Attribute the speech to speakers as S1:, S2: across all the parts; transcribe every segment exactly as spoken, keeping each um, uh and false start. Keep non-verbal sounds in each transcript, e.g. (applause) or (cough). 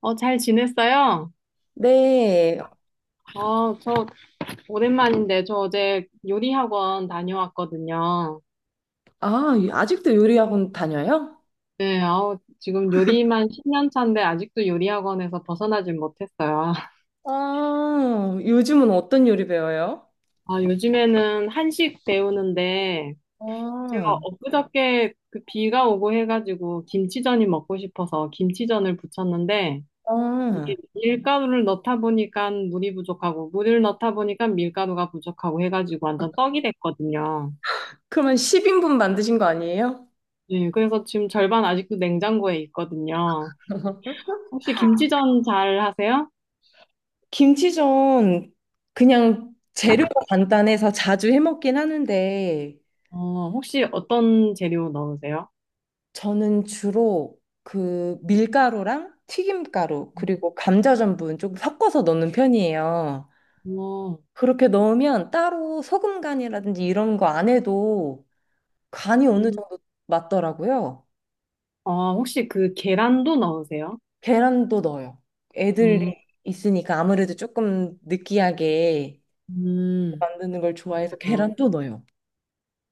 S1: 어, 잘 지냈어요?
S2: 네.
S1: 어, 저 오랜만인데 저 어제 요리 학원 다녀왔거든요.
S2: 아, 아직도 요리 학원 다녀요?
S1: 네, 아우, 지금 요리만 십 년 차인데 아직도 요리 학원에서 벗어나질 못했어요. (laughs)
S2: 아, 요즘은 어떤 요리 배워요?
S1: 아, 요즘에는 한식 배우는데 제가
S2: 아,
S1: 엊그저께 그 비가 오고 해가지고 김치전이 먹고 싶어서 김치전을 부쳤는데
S2: 아.
S1: 이게 밀가루를 넣다 보니까 물이 부족하고 물을 넣다 보니까 밀가루가 부족하고 해가지고 완전 떡이 됐거든요.
S2: 그러면 십 인분 만드신 거 아니에요?
S1: 네, 그래서 지금 절반 아직도 냉장고에 있거든요. 혹시 김치전 잘 하세요?
S2: 김치전 그냥 재료가 간단해서 자주 해 먹긴 하는데
S1: 어, 혹시 어떤 재료 넣으세요?
S2: 저는 주로 그 밀가루랑 튀김가루 그리고 감자 전분 조금 섞어서 넣는 편이에요.
S1: 어,
S2: 그렇게 넣으면 따로 소금 간이라든지 이런 거 안 해도 간이 어느
S1: 음,
S2: 정도 맞더라고요.
S1: 어, 혹시 그 계란도 넣으세요?
S2: 계란도 넣어요.
S1: 음,
S2: 애들이 있으니까 아무래도 조금 느끼하게
S1: 음,
S2: 만드는 걸 좋아해서
S1: 아,
S2: 계란도 넣어요.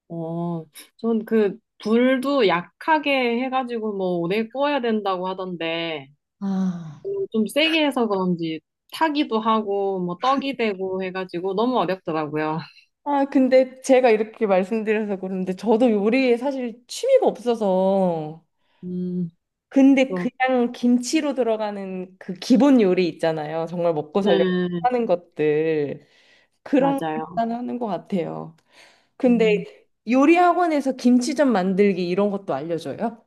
S1: 어, 전 그 불도 약하게 해가지고 뭐 오래 구워야 된다고 하던데
S2: 아.
S1: 음, 좀 세게 해서 그런지 타기도 하고 뭐 떡이 되고 해가지고 너무 어렵더라고요.
S2: 아, 근데 제가 이렇게 말씀드려서 그런데 저도 요리에 사실 취미가 없어서
S1: 음,
S2: 근데
S1: 그거-
S2: 그냥 김치로 들어가는 그 기본 요리 있잖아요. 정말 먹고
S1: 네,
S2: 살려고 하는 것들 그런
S1: 맞아요.
S2: 것만 하는 것 같아요.
S1: 음.
S2: 근데 요리 학원에서 김치전 만들기 이런 것도 알려줘요?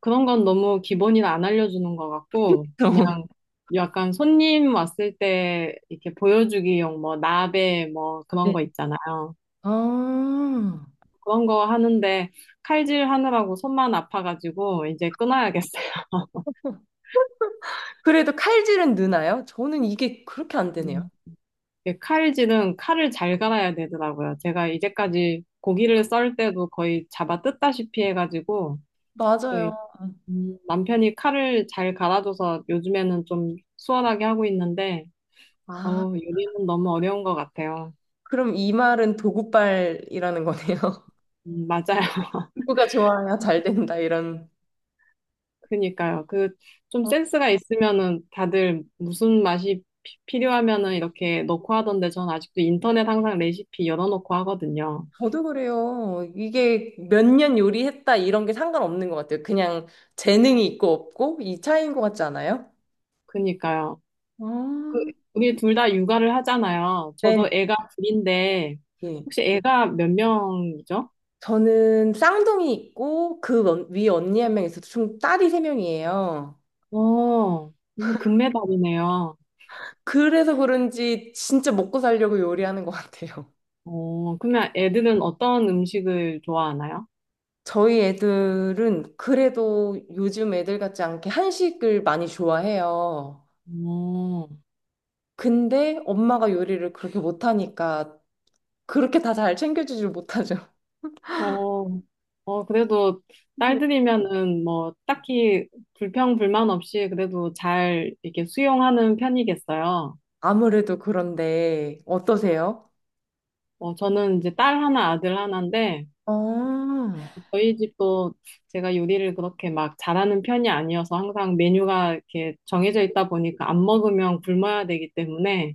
S1: 그런 건 너무 기본이라 안 알려주는 것 같고,
S2: (laughs)
S1: 그냥 약간 손님 왔을 때 이렇게 보여주기용 뭐 나베 뭐 그런
S2: 네.
S1: 거 있잖아요.
S2: 아,
S1: 그런 거 하는데 칼질 하느라고 손만 아파가지고 이제 끊어야겠어요.
S2: 그래도 칼질은 느나요? 저는 이게 그렇게 안 되네요.
S1: 음. 이게 칼질은 칼을 잘 갈아야 되더라고요. 제가 이제까지 고기를 썰 때도 거의 잡아 뜯다시피 해가지고 저희
S2: 맞아요.
S1: 음, 남편이 칼을 잘 갈아줘서 요즘에는 좀 수월하게 하고 있는데 어,
S2: 아,
S1: 요리는 너무 어려운 것 같아요.
S2: 그럼 이 말은 도구발이라는 거네요. (laughs)
S1: 음, 맞아요. (laughs)
S2: 도구가 좋아야 잘 된다, 이런.
S1: 그니까요. 그 좀
S2: 어,
S1: 센스가 있으면은 다들 무슨 맛이 피- 필요하면은 이렇게 넣고 하던데 전 아직도 인터넷 항상 레시피 열어놓고 하거든요.
S2: 저도 그래요. 이게 몇 년 요리했다, 이런 게 상관없는 것 같아요. 그냥 재능이 있고 없고, 이 차이인 것 같지 않아요?
S1: 그니까요. 그
S2: 아,
S1: 우리 둘 다 육아를 하잖아요.
S2: 네.
S1: 저도 애가 둘인데
S2: 예.
S1: 혹시 애가 몇 명이죠?
S2: 저는 쌍둥이 있고, 그 위에 언니 한 명 있어서 총 딸이 세 명이에요.
S1: 어, 완전 금메달이네요.
S2: 그래서 그런지 진짜 먹고 살려고 요리하는 것 같아요.
S1: 어, 그러면 애들은 어떤 음식을 좋아하나요?
S2: 저희 애들은 그래도 요즘 애들 같지 않게 한식을 많이 좋아해요.
S1: 어.
S2: 근데 엄마가 요리를 그렇게 못하니까 그렇게 다 잘 챙겨주질 못하죠.
S1: 어, 어, 그래도
S2: 네.
S1: 딸들이면은 뭐 딱히 불평, 불만 없이 그래도 잘 이렇게 수용하는 편이겠어요.
S2: 아무래도 그런데 어떠세요?
S1: 어, 저는 이제 딸 하나, 아들 하나인데
S2: 어, 아,
S1: 저희 집도 제가 요리를 그렇게 막 잘하는 편이 아니어서 항상 메뉴가 이렇게 정해져 있다 보니까 안 먹으면 굶어야 되기 때문에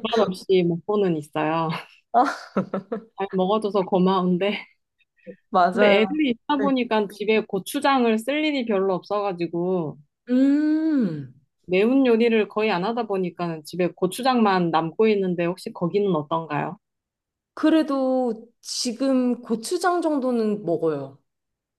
S1: 불만 없이 먹고는 있어요. (laughs)
S2: 아,
S1: 잘 먹어줘서 고마운데.
S2: 맞아요.
S1: 근데 애들이 있다
S2: 네.
S1: 보니까 집에 고추장을 쓸 일이 별로 없어가지고
S2: 음,
S1: 매운 요리를 거의 안 하다 보니까 집에 고추장만 남고 있는데 혹시 거기는 어떤가요?
S2: 그래도 지금 고추장 정도는 먹어요.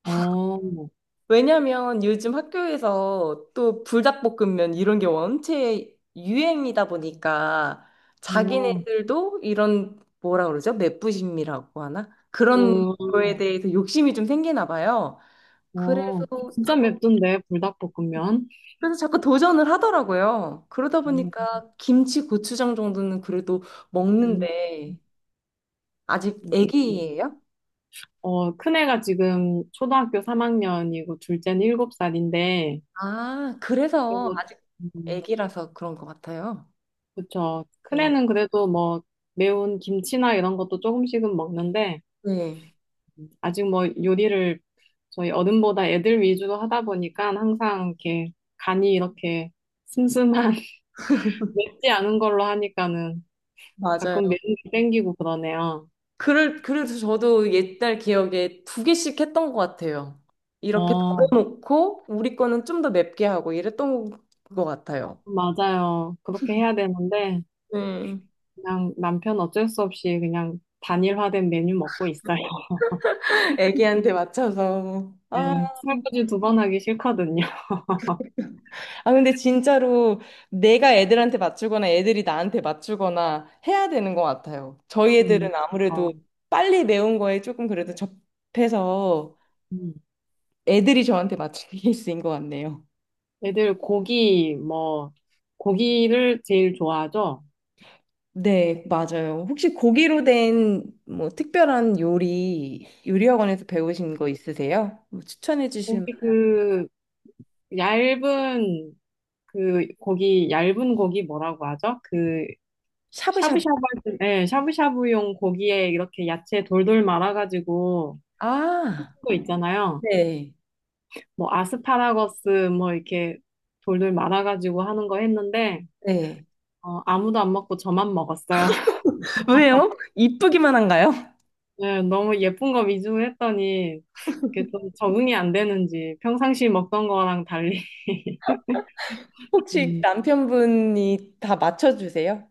S1: 어,
S2: 왜냐면 요즘 학교에서 또 불닭볶음면 이런 게 원체 유행이다 보니까
S1: 어,
S2: 자기네들도 이런 뭐라 그러죠? 맵부심이라고 하나? 그런
S1: 어,
S2: 거에 대해서 욕심이 좀 생기나 봐요. 그래서
S1: 어, 그거 진짜
S2: 자꾸,
S1: 맵던데, 불닭볶음면.
S2: 그래서 자꾸 도전을 하더라고요. 그러다
S1: 음,
S2: 보니까 김치, 고추장 정도는 그래도
S1: 음,
S2: 먹는데 아직
S1: 역시.
S2: 애기예요?
S1: 어, 큰애가 지금 초등학교 삼 학년이고 둘째는 일곱 살인데,
S2: 아, 그래서
S1: 그래서,
S2: 아직
S1: 음,
S2: 애기라서 그런 것 같아요.
S1: 그쵸.
S2: 네.
S1: 큰애는 그래도 뭐 매운 김치나 이런 것도 조금씩은 먹는데,
S2: 네.
S1: 아직 뭐 요리를 저희 어른보다 애들 위주로 하다 보니까 항상 이렇게 간이 이렇게 슴슴한 (laughs) 맵지 않은 걸로 하니까는
S2: 맞아요.
S1: 가끔 매운 게 땡기고 그러네요.
S2: 그럴, 그래서 저도 옛날 기억에 두 개씩 했던 것 같아요. 이렇게
S1: 어,
S2: 덜어놓고 우리 거는 좀 더 맵게 하고 이랬던 것 같아요.
S1: 맞아요. 그렇게 해야 되는데
S2: 네.
S1: 그냥 남편 어쩔 수 없이 그냥 단일화된 메뉴 먹고 있어요. (laughs)
S2: 애기한테 맞춰서.
S1: 네,
S2: 아,
S1: 설거지 두 번 하기 싫거든요. (laughs)
S2: 아, 근데 진짜로 내가 애들한테 맞추거나 애들이 나한테 맞추거나 해야 되는 것 같아요. 저희
S1: 음,
S2: 애들은
S1: 어,
S2: 아무래도 빨리 매운 거에 조금 그래도 접해서
S1: 음.
S2: 애들이 저한테 맞추는 케이스인 (laughs) 것 같네요.
S1: 애들 고기 뭐 고기를 제일 좋아하죠.
S2: 네, 맞아요. 혹시 고기로 된 뭐 특별한 요리, 요리학원에서 배우신 거 있으세요? 뭐 추천해 주실 만-
S1: 고기 그 얇은 그 고기 얇은 고기 뭐라고 하죠? 그
S2: 샤브샤브.
S1: 샤브샤브 할 때, 예, 샤브샤브용 고기에 이렇게 야채 돌돌 말아가지고 하는
S2: 아,
S1: 거 있잖아요.
S2: 네.
S1: 뭐 아스파라거스 뭐 이렇게 돌돌 말아가지고 하는 거 했는데
S2: 네.
S1: 어, 아무도 안 먹고 저만 먹었어요. (laughs)
S2: 왜요? 이쁘기만 한가요? (laughs)
S1: 예, 너무 예쁜 거 위주로 했더니 이게 좀 적응이 안 되는지 평상시 먹던 거랑 달리 (laughs)
S2: 혹시
S1: 음,
S2: 남편분이 다 맞춰주세요?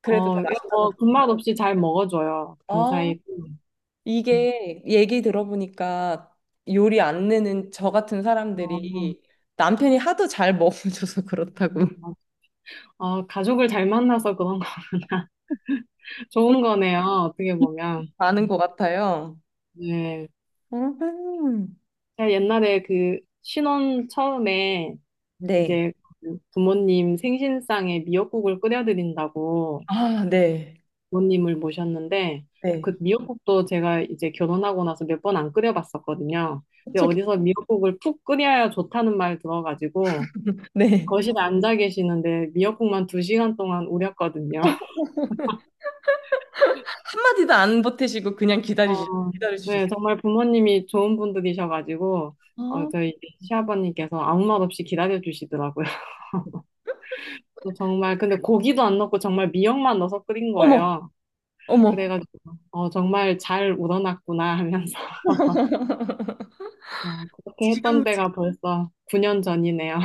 S2: 그래도 다
S1: 어, 이거
S2: 맛있다고
S1: 뭐
S2: 보세요?
S1: 군맛 없이 잘 먹어줘요.
S2: 아,
S1: 감사히. 음. 음.
S2: 이게 얘기 들어보니까 요리 안 내는 저 같은
S1: 어,
S2: 사람들이 남편이 하도 잘 먹어줘서 그렇다고
S1: 음, 음. 어, 가족을 잘 만나서 그런 거, (laughs) 좋은
S2: (laughs)
S1: 거네요, 어떻게 보면.
S2: 많은 것 같아요.
S1: 네.
S2: 음.
S1: 제가 옛날에 그 신혼 처음에
S2: 네.
S1: 이제 그 부모님 생신상에 미역국을 끓여드린다고
S2: 아, 네.
S1: 부모님을 모셨는데
S2: 네.
S1: 그 미역국도 제가 이제 결혼하고 나서 몇 번 안 끓여봤었거든요. 근데
S2: 그쵸,
S1: 어디서 미역국을 푹 끓여야 좋다는 말 들어가지고
S2: (laughs) 네.
S1: 거실에 앉아 계시는데 미역국만 두 시간 동안 우렸거든요.
S2: 어, 한마디도 안 보태시고 그냥 기다리시,
S1: 어, 네,
S2: 기다려주셨어요.
S1: 정말 부모님이 좋은 분들이셔가지고, 어,
S2: 어?
S1: 저희 시아버님께서 아무 말 없이 기다려주시더라고요. (laughs) 또 정말, 근데 고기도 안 넣고 정말 미역만 넣어서 끓인
S2: 어머,
S1: 거예요.
S2: 어머.
S1: 그래가지고, 어, 정말 잘 우러났구나 하면서, (laughs) 어, 그렇게 했던
S2: 지금
S1: 때가 벌써 구 년 전이네요.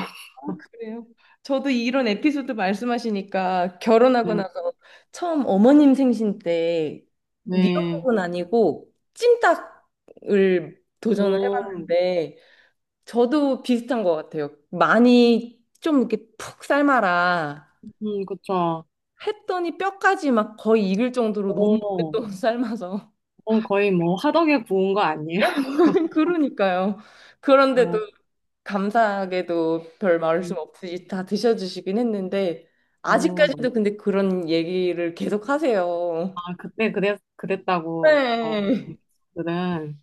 S2: 그래요. 저도 이런 에피소드 말씀하시니까
S1: (laughs)
S2: 결혼하고
S1: 네,
S2: 나서 처음 어머님 생신 때
S1: 네.
S2: 미역국은 아니고 찜닭을 도전을
S1: 오,
S2: 해봤는데 저도 비슷한 것 같아요. 많이 좀 이렇게 푹 삶아라.
S1: 음, 그쵸.
S2: 했더니 뼈까지 막 거의 익을 정도로 너무
S1: 오,
S2: 오랫동안 삶아서.
S1: 어, 거의 뭐 화덕에 구운 거 아니에요? (laughs)
S2: (laughs) 그러니까요. 그런데도
S1: 어,
S2: 감사하게도 별 말씀
S1: 음,
S2: 없이 다 드셔주시긴 했는데,
S1: 어, 너무-
S2: 아직까지도 근데 그런 얘기를 계속 하세요.
S1: 아, 그때 그랬, 그랬다고. 어,
S2: 네.
S1: 음, 들은.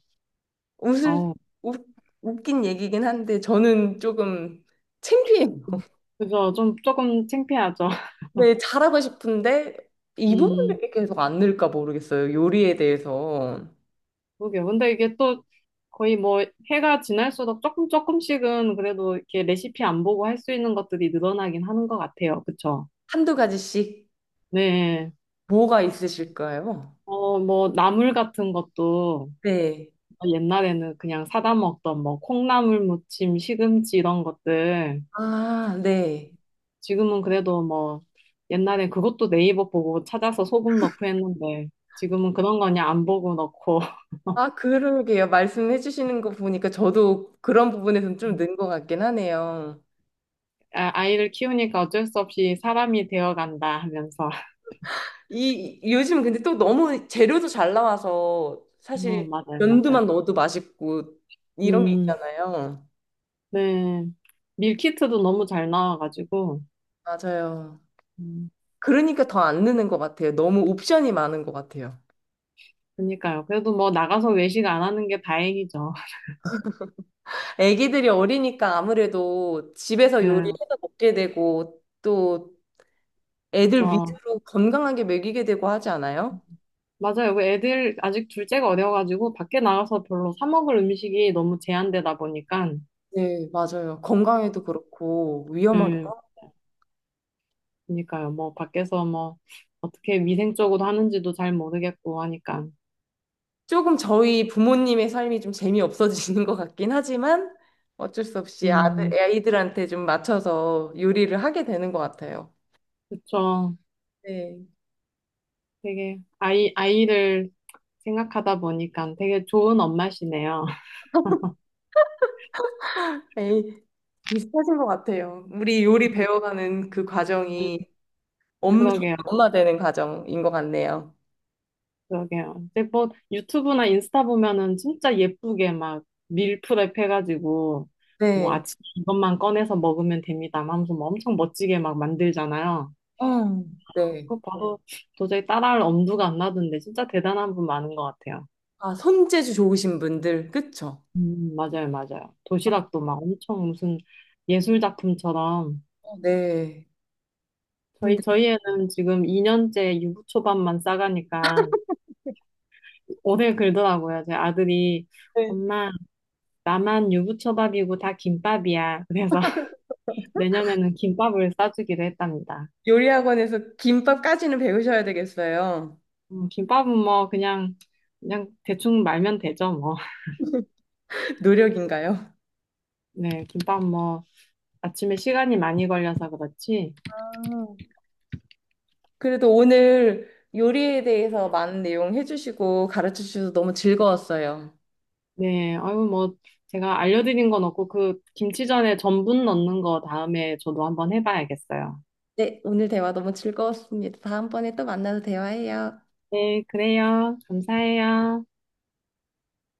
S2: 웃을,
S1: 어,
S2: 웃, 웃긴 얘기긴 한데, 저는 조금 창피해요.
S1: 그래서 좀 조금 창피하죠. (laughs)
S2: 네, 잘하고 싶은데, 이
S1: 음,
S2: 부분이 계속 안 늘까 모르겠어요. 요리에 대해서.
S1: 그러게요. 근데 이게 또 거의 뭐 해가 지날수록 조금 조금씩은 그래도 이렇게 레시피 안 보고 할 수 있는 것들이 늘어나긴 하는 것 같아요. 그쵸?
S2: 한두 가지씩
S1: 네.
S2: 뭐가 있으실까요?
S1: 어, 뭐 나물 같은 것도
S2: 네.
S1: 옛날에는 그냥 사다 먹던 뭐 콩나물 무침, 시금치 이런 것들
S2: 아, 네.
S1: 지금은 그래도 뭐 옛날엔 그것도 네이버 보고 찾아서 소금 넣고 했는데 지금은 그런 거냐 안 보고 넣고
S2: 아, 그러게요. 말씀해 주시는 거 보니까 저도 그런 부분에서는 좀 는 것 같긴 하네요.
S1: 아, 아이를 키우니까 어쩔 수 없이 사람이 되어간다 하면서. (laughs)
S2: 이 요즘 근데 또 너무 재료도 잘 나와서
S1: 어,
S2: 사실
S1: 맞아요,
S2: 연두만
S1: 맞아요.
S2: 넣어도 맛있고 이런 게
S1: 음,
S2: 있잖아요.
S1: 네. 밀키트도 너무 잘 나와가지고.
S2: 맞아요.
S1: 음,
S2: 그러니까 더 안 느는 것 같아요. 너무 옵션이 많은 것 같아요.
S1: 그니까요. 그래도 뭐 나가서 외식 안 하는 게 다행이죠. (laughs)
S2: 애기들이 어리니까 아무래도 집에서
S1: 네,
S2: 요리해서 먹게 되고 또 애들
S1: 그쵸.
S2: 위주로 건강하게 먹이게 되고 하지 않아요?
S1: 맞아요. 그 애들 아직 둘째가 어려가지고 밖에 나가서 별로 사 먹을 음식이 너무 제한되다 보니까.
S2: 네, 맞아요. 건강에도 그렇고 위험하기도
S1: 네,
S2: 하고.
S1: 그니까요. 뭐 밖에서 뭐 어떻게 위생적으로 하는지도 잘 모르겠고 하니까.
S2: 조금 저희 부모님의 삶이 좀 재미없어지는 것 같긴 하지만 어쩔 수 없이
S1: 음,
S2: 아들, 아이들한테 좀 맞춰서 요리를 하게 되는 것 같아요.
S1: 그쵸.
S2: 네.
S1: 되게 아이 아이를 생각하다 보니까 되게 좋은 엄마시네요.
S2: 에이, 비슷하신 것 같아요. 우리 요리 배워가는 그 과정이
S1: (laughs)
S2: 엄, 좋은
S1: 그러게요,
S2: 엄마 되는 과정인 것 같네요.
S1: 그러게요. 근데 뭐 유튜브나 인스타 보면은 진짜 예쁘게 막 밀프렙 해가지고 뭐
S2: 네.
S1: 아침에 이것만 꺼내서 먹으면 됩니다. 하면서 뭐 엄청 멋지게 막 만들잖아요.
S2: 어, 네.
S1: 그거 봐도 도저히 따라할 엄두가 안 나던데 진짜 대단한 분 많은 것 같아요.
S2: 아, 손재주 좋으신 분들, 그쵸?
S1: 음, 맞아요, 맞아요. 도시락도 막 엄청 무슨 예술 작품처럼
S2: 어, 네.
S1: 저희
S2: 근데
S1: 저희 애는 지금 이 년째 유부초밥만 싸가니까 오늘 그러더라고요. 제 아들이
S2: 네.
S1: 엄마 나만 유부초밥이고 다 김밥이야. 그래서 (laughs) 내년에는 김밥을 싸주기로 했답니다.
S2: 요리 학원에서 김밥까지는 배우셔야 되겠어요.
S1: 음, 김밥은 뭐 그냥 그냥 대충 말면 되죠 뭐. (laughs)
S2: (laughs) 노력인가요?
S1: 네, 김밥 뭐 아침에 시간이 많이 걸려서 그렇지.
S2: 아, 그래도 오늘 요리에 대해서 많은 내용 해주시고 가르쳐 주셔서 너무 즐거웠어요.
S1: 네, 아유 뭐 제가 알려드린 건 없고 그 김치전에 전분 넣는 거 다음에 저도 한번 해봐야겠어요.
S2: 네, 오늘 대화 너무 즐거웠습니다. 다음번에 또 만나서 대화해요.
S1: 네, 그래요. 감사해요.